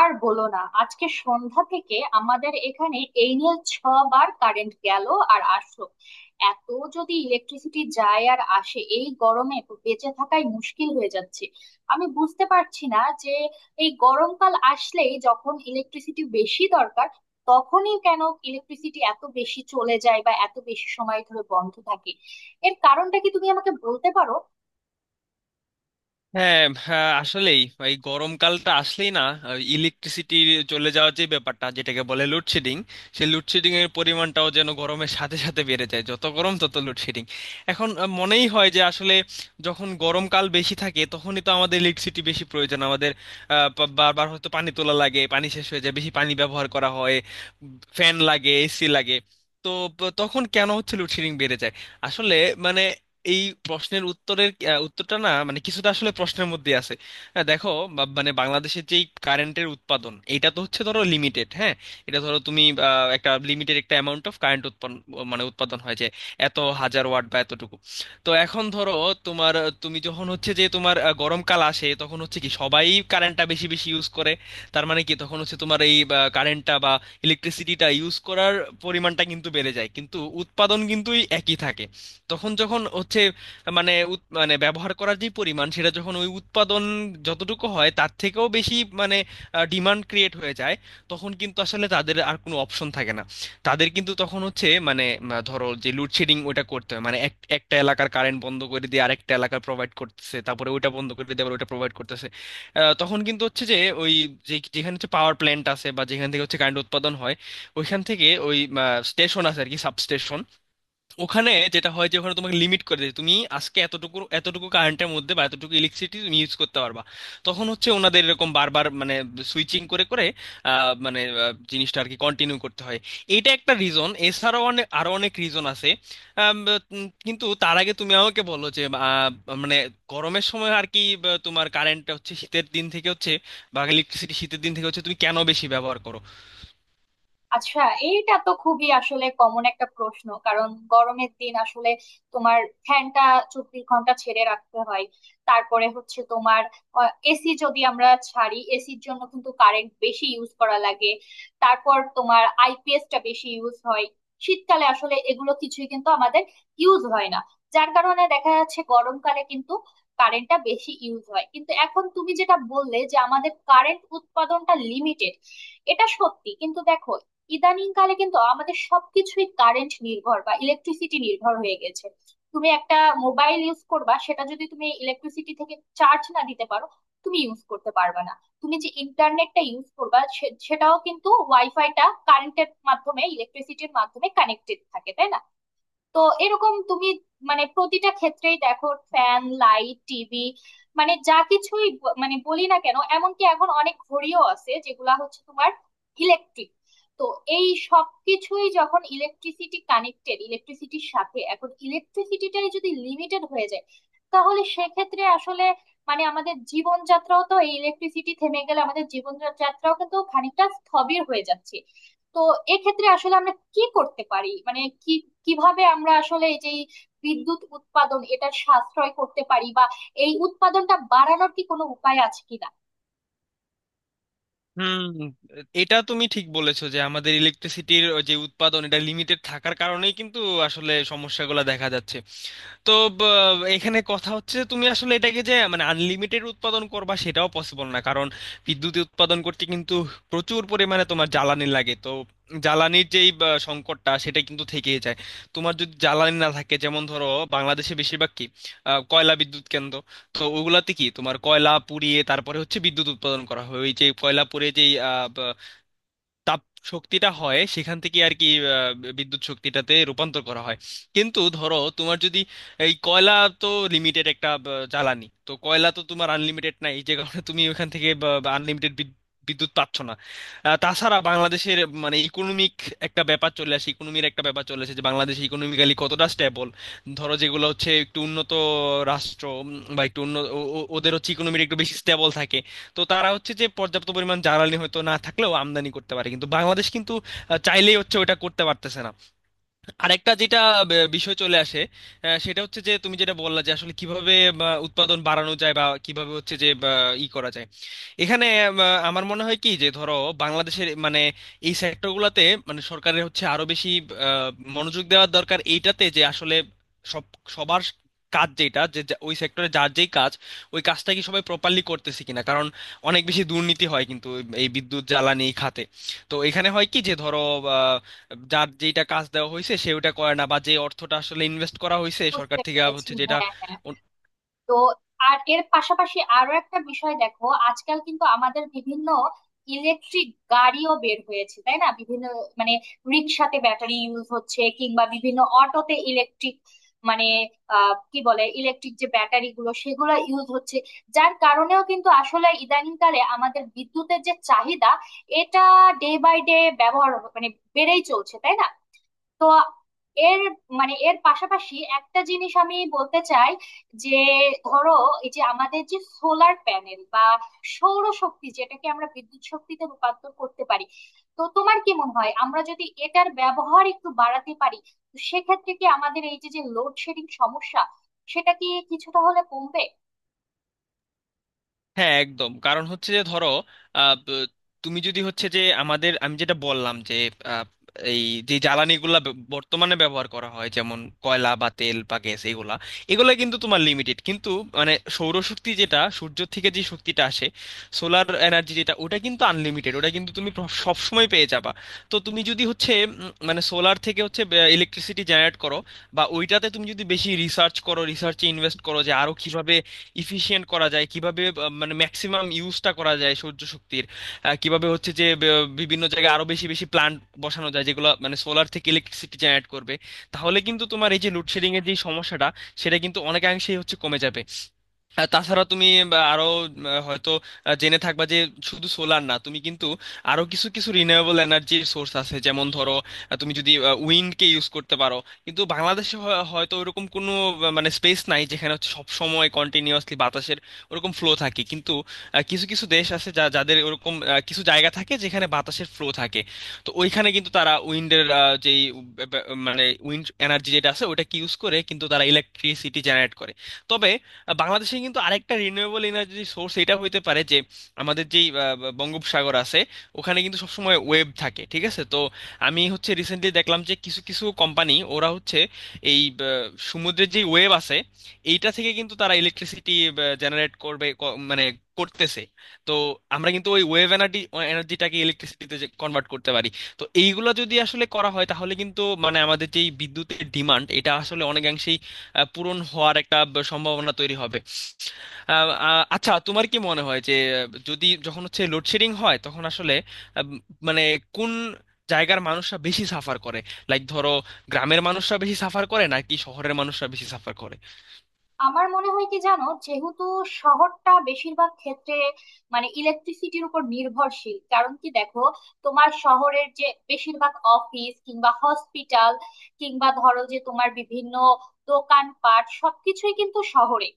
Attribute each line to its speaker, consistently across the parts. Speaker 1: আর বলো না, আজকে সন্ধ্যা থেকে আমাদের এখানে এই নিয়ে ছবার কারেন্ট গেল আর আসলো। এত যদি ইলেকট্রিসিটি যায় আর আসে এই গরমে তো বেঁচে থাকাই মুশকিল হয়ে যাচ্ছে। আমি বুঝতে পারছি না যে এই গরমকাল আসলেই যখন ইলেকট্রিসিটি বেশি দরকার, তখনই কেন ইলেকট্রিসিটি এত বেশি চলে যায় বা এত বেশি সময় ধরে বন্ধ থাকে? এর কারণটা কি তুমি আমাকে বলতে পারো?
Speaker 2: হ্যাঁ, হ্যাঁ, আসলেই এই গরমকালটা আসলেই না, ইলেকট্রিসিটি চলে যাওয়ার যে ব্যাপারটা যেটাকে বলে লোডশেডিং, সেই লোডশেডিং এর পরিমাণটাও যেন গরমের সাথে সাথে বেড়ে যায়। যত গরম তত লোডশেডিং। এখন মনেই হয় যে আসলে যখন গরমকাল বেশি থাকে তখনই তো আমাদের ইলেকট্রিসিটি বেশি প্রয়োজন। আমাদের বারবার হয়তো পানি তোলা লাগে, পানি শেষ হয়ে যায়, বেশি পানি ব্যবহার করা হয়, ফ্যান লাগে, এসি লাগে। তো তখন কেন হচ্ছে লোডশেডিং বেড়ে যায়? আসলে মানে এই প্রশ্নের উত্তরের উত্তরটা না মানে কিছুটা আসলে প্রশ্নের মধ্যে আছে। হ্যাঁ, দেখো, মানে বাংলাদেশের যেই কারেন্টের উৎপাদন এটা তো হচ্ছে, ধরো, লিমিটেড, হ্যাঁ। এটা ধরো তুমি একটা লিমিটেড, একটা অ্যামাউন্ট অফ কারেন্ট উৎপন্ন মানে উৎপাদন হয় যে এত হাজার ওয়াট বা এতটুকু। তো এখন ধরো তোমার তুমি যখন হচ্ছে যে তোমার গরমকাল আসে তখন হচ্ছে কি সবাই কারেন্টটা বেশি বেশি ইউজ করে। তার মানে কি তখন হচ্ছে তোমার এই কারেন্টটা বা ইলেকট্রিসিটিটা ইউজ করার পরিমাণটা কিন্তু বেড়ে যায়, কিন্তু উৎপাদন কিন্তু এই একই থাকে। তখন যখন হচ্ছে মানে মানে ব্যবহার করার যে পরিমাণ সেটা যখন ওই উৎপাদন যতটুকু হয় তার থেকেও বেশি, মানে ডিমান্ড ক্রিয়েট হয়ে যায়, তখন কিন্তু আসলে তাদের আর কোনো অপশন থাকে না। তাদের কিন্তু তখন হচ্ছে মানে ধরো যে লোডশেডিং ওটা করতে হয়, মানে একটা এলাকার কারেন্ট বন্ধ করে দিয়ে আরেকটা এলাকা প্রোভাইড করতেছে, তারপরে ওটা বন্ধ করে দিয়ে আবার ওটা প্রোভাইড করতেছে। তখন কিন্তু হচ্ছে যে ওই যে যেখানে হচ্ছে পাওয়ার প্ল্যান্ট আছে বা যেখান থেকে হচ্ছে কারেন্ট উৎপাদন হয় ওইখান থেকে ওই স্টেশন আছে আর কি, সাবস্টেশন। ওখানে যেটা হয় যে ওখানে তোমাকে লিমিট করে দেয় তুমি আজকে এতটুকু এতটুকু কারেন্টের মধ্যে বা এতটুকু ইলেকট্রিসিটি তুমি ইউজ করতে পারবা। তখন হচ্ছে ওনাদের এরকম বারবার মানে সুইচিং করে করে মানে জিনিসটা আর কি কন্টিনিউ করতে হয়। এটা একটা রিজন, এছাড়াও অনেক আরো অনেক রিজন আছে। আম, কিন্তু তার আগে তুমি আমাকে বলো যে মানে গরমের সময় আর কি, বা তোমার কারেন্টটা হচ্ছে শীতের দিন থেকে হচ্ছে বা ইলেকট্রিসিটি শীতের দিন থেকে হচ্ছে তুমি কেন বেশি ব্যবহার করো?
Speaker 1: আচ্ছা, এইটা তো খুবই আসলে কমন একটা প্রশ্ন। কারণ গরমের দিন আসলে তোমার ফ্যানটা 24 ঘন্টা ছেড়ে রাখতে হয়। তারপরে হচ্ছে তোমার এসি যদি আমরা ছাড়ি, এসির জন্য কিন্তু কারেন্ট বেশি ইউজ করা লাগে। তারপর তোমার আইপিএসটা বেশি ইউজ হয়। শীতকালে আসলে এগুলো কিছুই কিন্তু আমাদের ইউজ হয় না। যার কারণে দেখা যাচ্ছে গরমকালে কিন্তু কারেন্টটা বেশি ইউজ হয়। কিন্তু এখন তুমি যেটা বললে যে আমাদের কারেন্ট উৎপাদনটা লিমিটেড, এটা সত্যি। কিন্তু দেখো, ইদানিং কালে কিন্তু আমাদের সবকিছুই কারেন্ট নির্ভর বা ইলেকট্রিসিটি নির্ভর হয়ে গেছে। তুমি একটা মোবাইল ইউজ করবা, সেটা যদি তুমি ইলেকট্রিসিটি থেকে চার্জ না দিতে পারো তুমি ইউজ করতে পারবে না। তুমি যে ইন্টারনেটটা ইউজ করবা সেটাও কিন্তু ওয়াইফাইটা কারেন্টের মাধ্যমে ইলেকট্রিসিটির মাধ্যমে কানেক্টেড থাকে, তাই না? তো এরকম তুমি মানে প্রতিটা ক্ষেত্রেই দেখো, ফ্যান লাইট টিভি, মানে যা কিছুই মানে বলি না কেন, এমনকি এখন অনেক ঘড়িও আছে যেগুলা হচ্ছে তোমার ইলেকট্রিক। তো এই সব কিছুই যখন ইলেকট্রিসিটি কানেক্টেড ইলেকট্রিসিটির সাথে, এখন ইলেকট্রিসিটিটাই যদি লিমিটেড হয়ে যায় তাহলে সেক্ষেত্রে আসলে মানে আমাদের জীবনযাত্রাও তো, এই ইলেকট্রিসিটি থেমে গেলে আমাদের জীবনযাত্রাও কিন্তু খানিকটা স্থবির হয়ে যাচ্ছে। তো এক্ষেত্রে আসলে আমরা কি করতে পারি, মানে কি, কিভাবে আমরা আসলে এই যে এই বিদ্যুৎ উৎপাদন এটা সাশ্রয় করতে পারি বা এই উৎপাদনটা বাড়ানোর কি কোনো উপায় আছে কিনা?
Speaker 2: হুম। এটা তুমি ঠিক বলেছো যে আমাদের ইলেকট্রিসিটির যে উৎপাদন এটা লিমিটেড থাকার কারণেই কিন্তু আসলে সমস্যাগুলো দেখা যাচ্ছে। তো এখানে কথা হচ্ছে যে তুমি আসলে এটাকে যে মানে আনলিমিটেড উৎপাদন করবা সেটাও পসিবল না, কারণ বিদ্যুৎ উৎপাদন করতে কিন্তু প্রচুর পরিমাণে তোমার জ্বালানি লাগে। তো জ্বালানির যেই সংকটটা সেটা কিন্তু থেকেই যায়। তোমার যদি জ্বালানি না থাকে, যেমন ধরো বাংলাদেশে বেশিরভাগ কি কয়লা বিদ্যুৎ কেন্দ্র। তো ওগুলাতে কি তোমার কয়লা পুড়িয়ে তারপরে হচ্ছে বিদ্যুৎ উৎপাদন করা হয়, ওই যে কয়লা পুড়িয়ে যেই তাপ শক্তিটা হয় সেখান থেকে আর কি বিদ্যুৎ শক্তিটাতে রূপান্তর করা হয়। কিন্তু ধরো তোমার যদি এই কয়লা, তো লিমিটেড একটা জ্বালানি, তো কয়লা তো তোমার আনলিমিটেড নাই, যে কারণে তুমি ওখান থেকে আনলিমিটেড বিদ্যুৎ পাচ্ছ না। তাছাড়া বাংলাদেশের মানে ইকোনমিক একটা ব্যাপার চলে আসে, ইকোনমির একটা ব্যাপার চলে আসে যে বাংলাদেশ ইকোনমিক্যালি কতটা স্টেবল। ধরো যেগুলো হচ্ছে একটু উন্নত রাষ্ট্র, বা একটু উন্নত, ওদের হচ্ছে ইকোনমির একটু বেশি স্টেবল থাকে। তো তারা হচ্ছে যে পর্যাপ্ত পরিমাণ জ্বালানি হয়তো না থাকলেও আমদানি করতে পারে, কিন্তু বাংলাদেশ কিন্তু চাইলেই হচ্ছে ওটা করতে পারতেছে না। আরেকটা যেটা বিষয় চলে আসে, সেটা হচ্ছে যে তুমি যেটা বললা যে আসলে কিভাবে উৎপাদন বাড়ানো যায় বা কিভাবে হচ্ছে যে ই করা যায়। এখানে আমার মনে হয় কি যে, ধরো, বাংলাদেশের মানে এই সেক্টরগুলোতে মানে সরকারের হচ্ছে আরো বেশি আহ, মনোযোগ দেওয়ার দরকার এইটাতে যে আসলে সব সবার কাজ যেটা যে ওই সেক্টরে যার যেই কাজ ওই কাজটা কি সবাই প্রপারলি করতেছে কিনা, কারণ অনেক বেশি দুর্নীতি হয় কিন্তু এই বিদ্যুৎ জ্বালানি খাতে। তো এখানে হয় কি যে ধরো যার যেটা কাজ দেওয়া হয়েছে সে ওটা করে না, বা যে অর্থটা আসলে ইনভেস্ট করা হয়েছে সরকার
Speaker 1: বুঝতে
Speaker 2: থেকে আবার
Speaker 1: পেরেছি,
Speaker 2: হচ্ছে যেটা।
Speaker 1: হ্যাঁ, হ্যাঁ। তো আর এর পাশাপাশি আরো একটা বিষয় দেখো, আজকাল কিন্তু আমাদের বিভিন্ন ইলেকট্রিক গাড়িও বের হয়েছে, তাই না? বিভিন্ন মানে রিক্সাতে ব্যাটারি ইউজ হচ্ছে, কিংবা বিভিন্ন অটোতে ইলেকট্রিক মানে আহ কি বলে, ইলেকট্রিক যে ব্যাটারি গুলো সেগুলো ইউজ হচ্ছে। যার কারণেও কিন্তু আসলে ইদানিংকালে আমাদের বিদ্যুতের যে চাহিদা, এটা ডে বাই ডে ব্যবহার মানে বেড়েই চলছে, তাই না? তো এর মানে এর পাশাপাশি একটা জিনিস আমি বলতে চাই যে ধরো, এই যে আমাদের যে সোলার প্যানেল বা সৌরশক্তি যেটাকে আমরা বিদ্যুৎ শক্তিতে রূপান্তর করতে পারি, তো তোমার কি মনে হয় আমরা যদি এটার ব্যবহার একটু বাড়াতে পারি তো সেক্ষেত্রে কি আমাদের এই যে যে লোডশেডিং সমস্যা সেটা কি কিছুটা হলে কমবে?
Speaker 2: হ্যাঁ, একদম, কারণ হচ্ছে যে ধরো আহ, ব- তুমি যদি হচ্ছে যে আমাদের আমি যেটা বললাম যে আহ, এই যে জ্বালানিগুলা বর্তমানে ব্যবহার করা হয় যেমন কয়লা বা তেল বা গ্যাস, এগুলা এগুলা কিন্তু তোমার লিমিটেড, কিন্তু মানে সৌরশক্তি যেটা সূর্য থেকে যে শক্তিটা আসে, সোলার এনার্জি যেটা, ওটা কিন্তু আনলিমিটেড, ওটা কিন্তু তুমি সব সময় পেয়ে যাবা। তো তুমি যদি হচ্ছে মানে সোলার থেকে হচ্ছে ইলেকট্রিসিটি জেনারেট করো, বা ওইটাতে তুমি যদি বেশি রিসার্চ করো, রিসার্চে ইনভেস্ট করো যে আরো কিভাবে ইফিশিয়েন্ট করা যায়, কিভাবে মানে ম্যাক্সিমাম ইউজটা করা যায় সৌর শক্তির, কিভাবে হচ্ছে যে বিভিন্ন জায়গায় আরো বেশি বেশি প্ল্যান্ট বসানো যায় যেগুলো মানে সোলার থেকে ইলেকট্রিসিটি জেনারেট করবে, তাহলে কিন্তু তোমার এই যে লোডশেডিং এর যে সমস্যাটা সেটা কিন্তু অনেকাংশেই হচ্ছে কমে যাবে। আর তাছাড়া তুমি বা আরো হয়তো জেনে থাকবা যে শুধু সোলার না তুমি কিন্তু আরো কিছু কিছু রিনিউয়েবল এনার্জির সোর্স আছে, যেমন ধরো তুমি যদি উইন্ডকে ইউজ করতে পারো, কিন্তু বাংলাদেশে হয়তো ওরকম কোনো মানে স্পেস নাই যেখানে হচ্ছে সব সময় কন্টিনিউয়াসলি বাতাসের ওরকম ফ্লো থাকে, কিন্তু কিছু কিছু দেশ আছে যাদের ওরকম কিছু জায়গা থাকে যেখানে বাতাসের ফ্লো থাকে। তো ওইখানে কিন্তু তারা উইন্ডের যেই মানে উইন্ড এনার্জি যেটা আছে ওটাকে ইউজ করে কিন্তু তারা ইলেকট্রিসিটি জেনারেট করে। তবে বাংলাদেশে কিন্তু আরেকটা রিনিউয়েবল এনার্জি সোর্স এটা হইতে পারে যে আমাদের যেই বঙ্গোপসাগর আছে, ওখানে কিন্তু সবসময় ওয়েভ থাকে, ঠিক আছে? তো আমি হচ্ছে রিসেন্টলি দেখলাম যে কিছু কিছু কোম্পানি, ওরা হচ্ছে এই আহ, সমুদ্রের যে ওয়েভ আছে এইটা থেকে কিন্তু তারা ইলেকট্রিসিটি জেনারেট করবে, মানে করতেছে। তো আমরা কিন্তু ওই ওয়েভ এনার্জিটাকে ইলেকট্রিসিটিতে কনভার্ট করতে পারি। তো এইগুলো যদি আসলে করা হয় তাহলে কিন্তু মানে আমাদের যে এই বিদ্যুতের ডিমান্ড এটা আসলে অনেকাংশেই পূরণ হওয়ার একটা সম্ভাবনা তৈরি হবে। আহ, আহ, আচ্ছা, তোমার কি মনে হয় যে যদি যখন হচ্ছে লোডশেডিং হয় তখন আসলে আহ, মানে কোন জায়গার মানুষরা বেশি সাফার করে? লাইক ধরো গ্রামের মানুষরা বেশি সাফার করে নাকি শহরের মানুষরা বেশি সাফার করে?
Speaker 1: আমার মনে হয় কি জানো, যেহেতু শহরটা বেশিরভাগ ক্ষেত্রে মানে ইলেকট্রিসিটির উপর নির্ভরশীল। কারণ কি, দেখো, তোমার শহরের যে বেশিরভাগ অফিস কিংবা হসপিটাল কিংবা ধরো যে তোমার বিভিন্ন দোকানপাট সবকিছুই কিন্তু শহরে।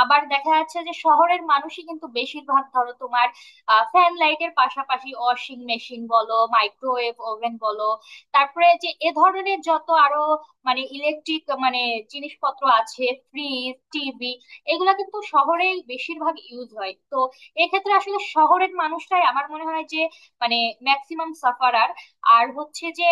Speaker 1: আবার দেখা যাচ্ছে যে শহরের মানুষই কিন্তু বেশিরভাগ, ধরো তোমার ফ্যান লাইটের পাশাপাশি ওয়াশিং মেশিন বলো, মাইক্রোওয়েভ ওভেন বলো, তারপরে যে এ ধরনের যত আরো মানে ইলেকট্রিক মানে জিনিসপত্র আছে, ফ্রিজ টিভি, এগুলা কিন্তু শহরে বেশিরভাগ ইউজ হয়। তো এক্ষেত্রে আসলে শহরের মানুষরাই আমার মনে হয় যে মানে ম্যাক্সিমাম সাফারার। আর হচ্ছে যে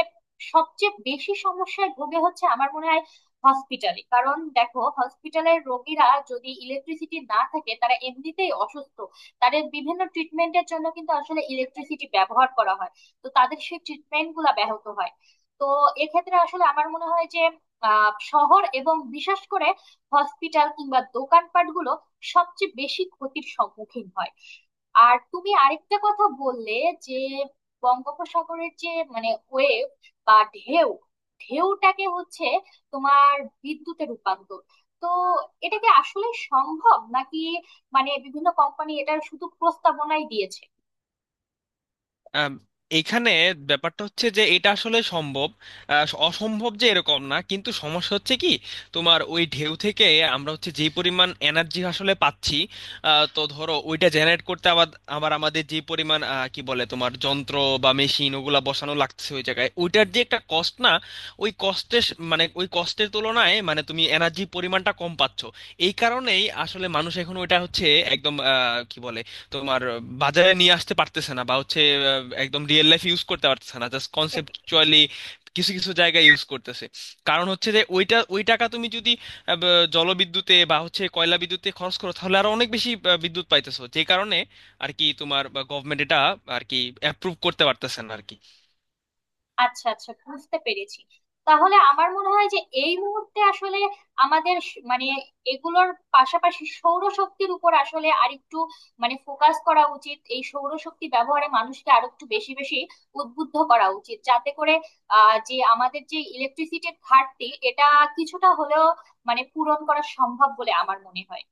Speaker 1: সবচেয়ে বেশি সমস্যায় ভোগে হচ্ছে আমার মনে হয় হসপিটালে। কারণ দেখো, হসপিটালের রোগীরা, যদি ইলেকট্রিসিটি না থাকে, তারা এমনিতেই অসুস্থ, তাদের বিভিন্ন ট্রিটমেন্টের জন্য কিন্তু আসলে ইলেকট্রিসিটি ব্যবহার করা হয়, তো তাদের সেই ট্রিটমেন্ট গুলা ব্যাহত হয়। তো এক্ষেত্রে আসলে আমার মনে হয় যে শহর এবং বিশেষ করে হসপিটাল কিংবা দোকানপাট গুলো সবচেয়ে বেশি ক্ষতির সম্মুখীন হয়। আর তুমি আরেকটা কথা বললে যে বঙ্গোপসাগরের যে মানে ওয়েভ বা ঢেউ, ঢেউটাকে হচ্ছে তোমার বিদ্যুতে রূপান্তর, তো এটা কি আসলে সম্ভব নাকি মানে বিভিন্ন কোম্পানি এটার শুধু প্রস্তাবনাই দিয়েছে?
Speaker 2: আম, এখানে ব্যাপারটা হচ্ছে যে এটা আসলে সম্ভব, অসম্ভব যে এরকম না, কিন্তু সমস্যা হচ্ছে কি তোমার ওই ঢেউ থেকে আমরা হচ্ছে যে পরিমাণ এনার্জি আসলে পাচ্ছি, তো ধরো ওইটা জেনারেট করতে আবার আবার আমাদের যে পরিমাণ কি বলে তোমার যন্ত্র বা মেশিন ওগুলা বসানো লাগছে ওই জায়গায়, ওইটার যে একটা কস্ট না, ওই কষ্টের ওই কষ্টের তুলনায় মানে তুমি এনার্জি পরিমাণটা কম পাচ্ছ। এই কারণেই আসলে মানুষ এখন ওইটা হচ্ছে একদম কি বলে তোমার বাজারে নিয়ে আসতে পারতেছে না, বা হচ্ছে একদম রিয়েল লাইফ ইউজ করতে পারতেছে না, জাস্ট
Speaker 1: বুঝতে পেরেছি।
Speaker 2: কনসেপচুয়ালি কিছু কিছু জায়গায় ইউজ করতেছে। কারণ হচ্ছে যে ওইটা ওই টাকা তুমি যদি জলবিদ্যুতে বা হচ্ছে কয়লা বিদ্যুতে খরচ করো তাহলে আরো অনেক বেশি বিদ্যুৎ পাইতেছো, যে কারণে আর কি তোমার গভর্নমেন্ট এটা আর কি অ্যাপ্রুভ করতে পারতেছে না আর কি।
Speaker 1: আচ্ছা আচ্ছা, বুঝতে পেরেছি। তাহলে আমার মনে হয় যে এই মুহূর্তে আসলে আমাদের মানে এগুলোর পাশাপাশি সৌরশক্তির উপর আসলে আরেকটু মানে ফোকাস করা উচিত। এই সৌরশক্তি ব্যবহারে মানুষকে আরো একটু বেশি বেশি উদ্বুদ্ধ করা উচিত, যাতে করে আহ যে আমাদের যে ইলেকট্রিসিটির ঘাটতি এটা কিছুটা হলেও মানে পূরণ করা সম্ভব বলে আমার মনে হয়।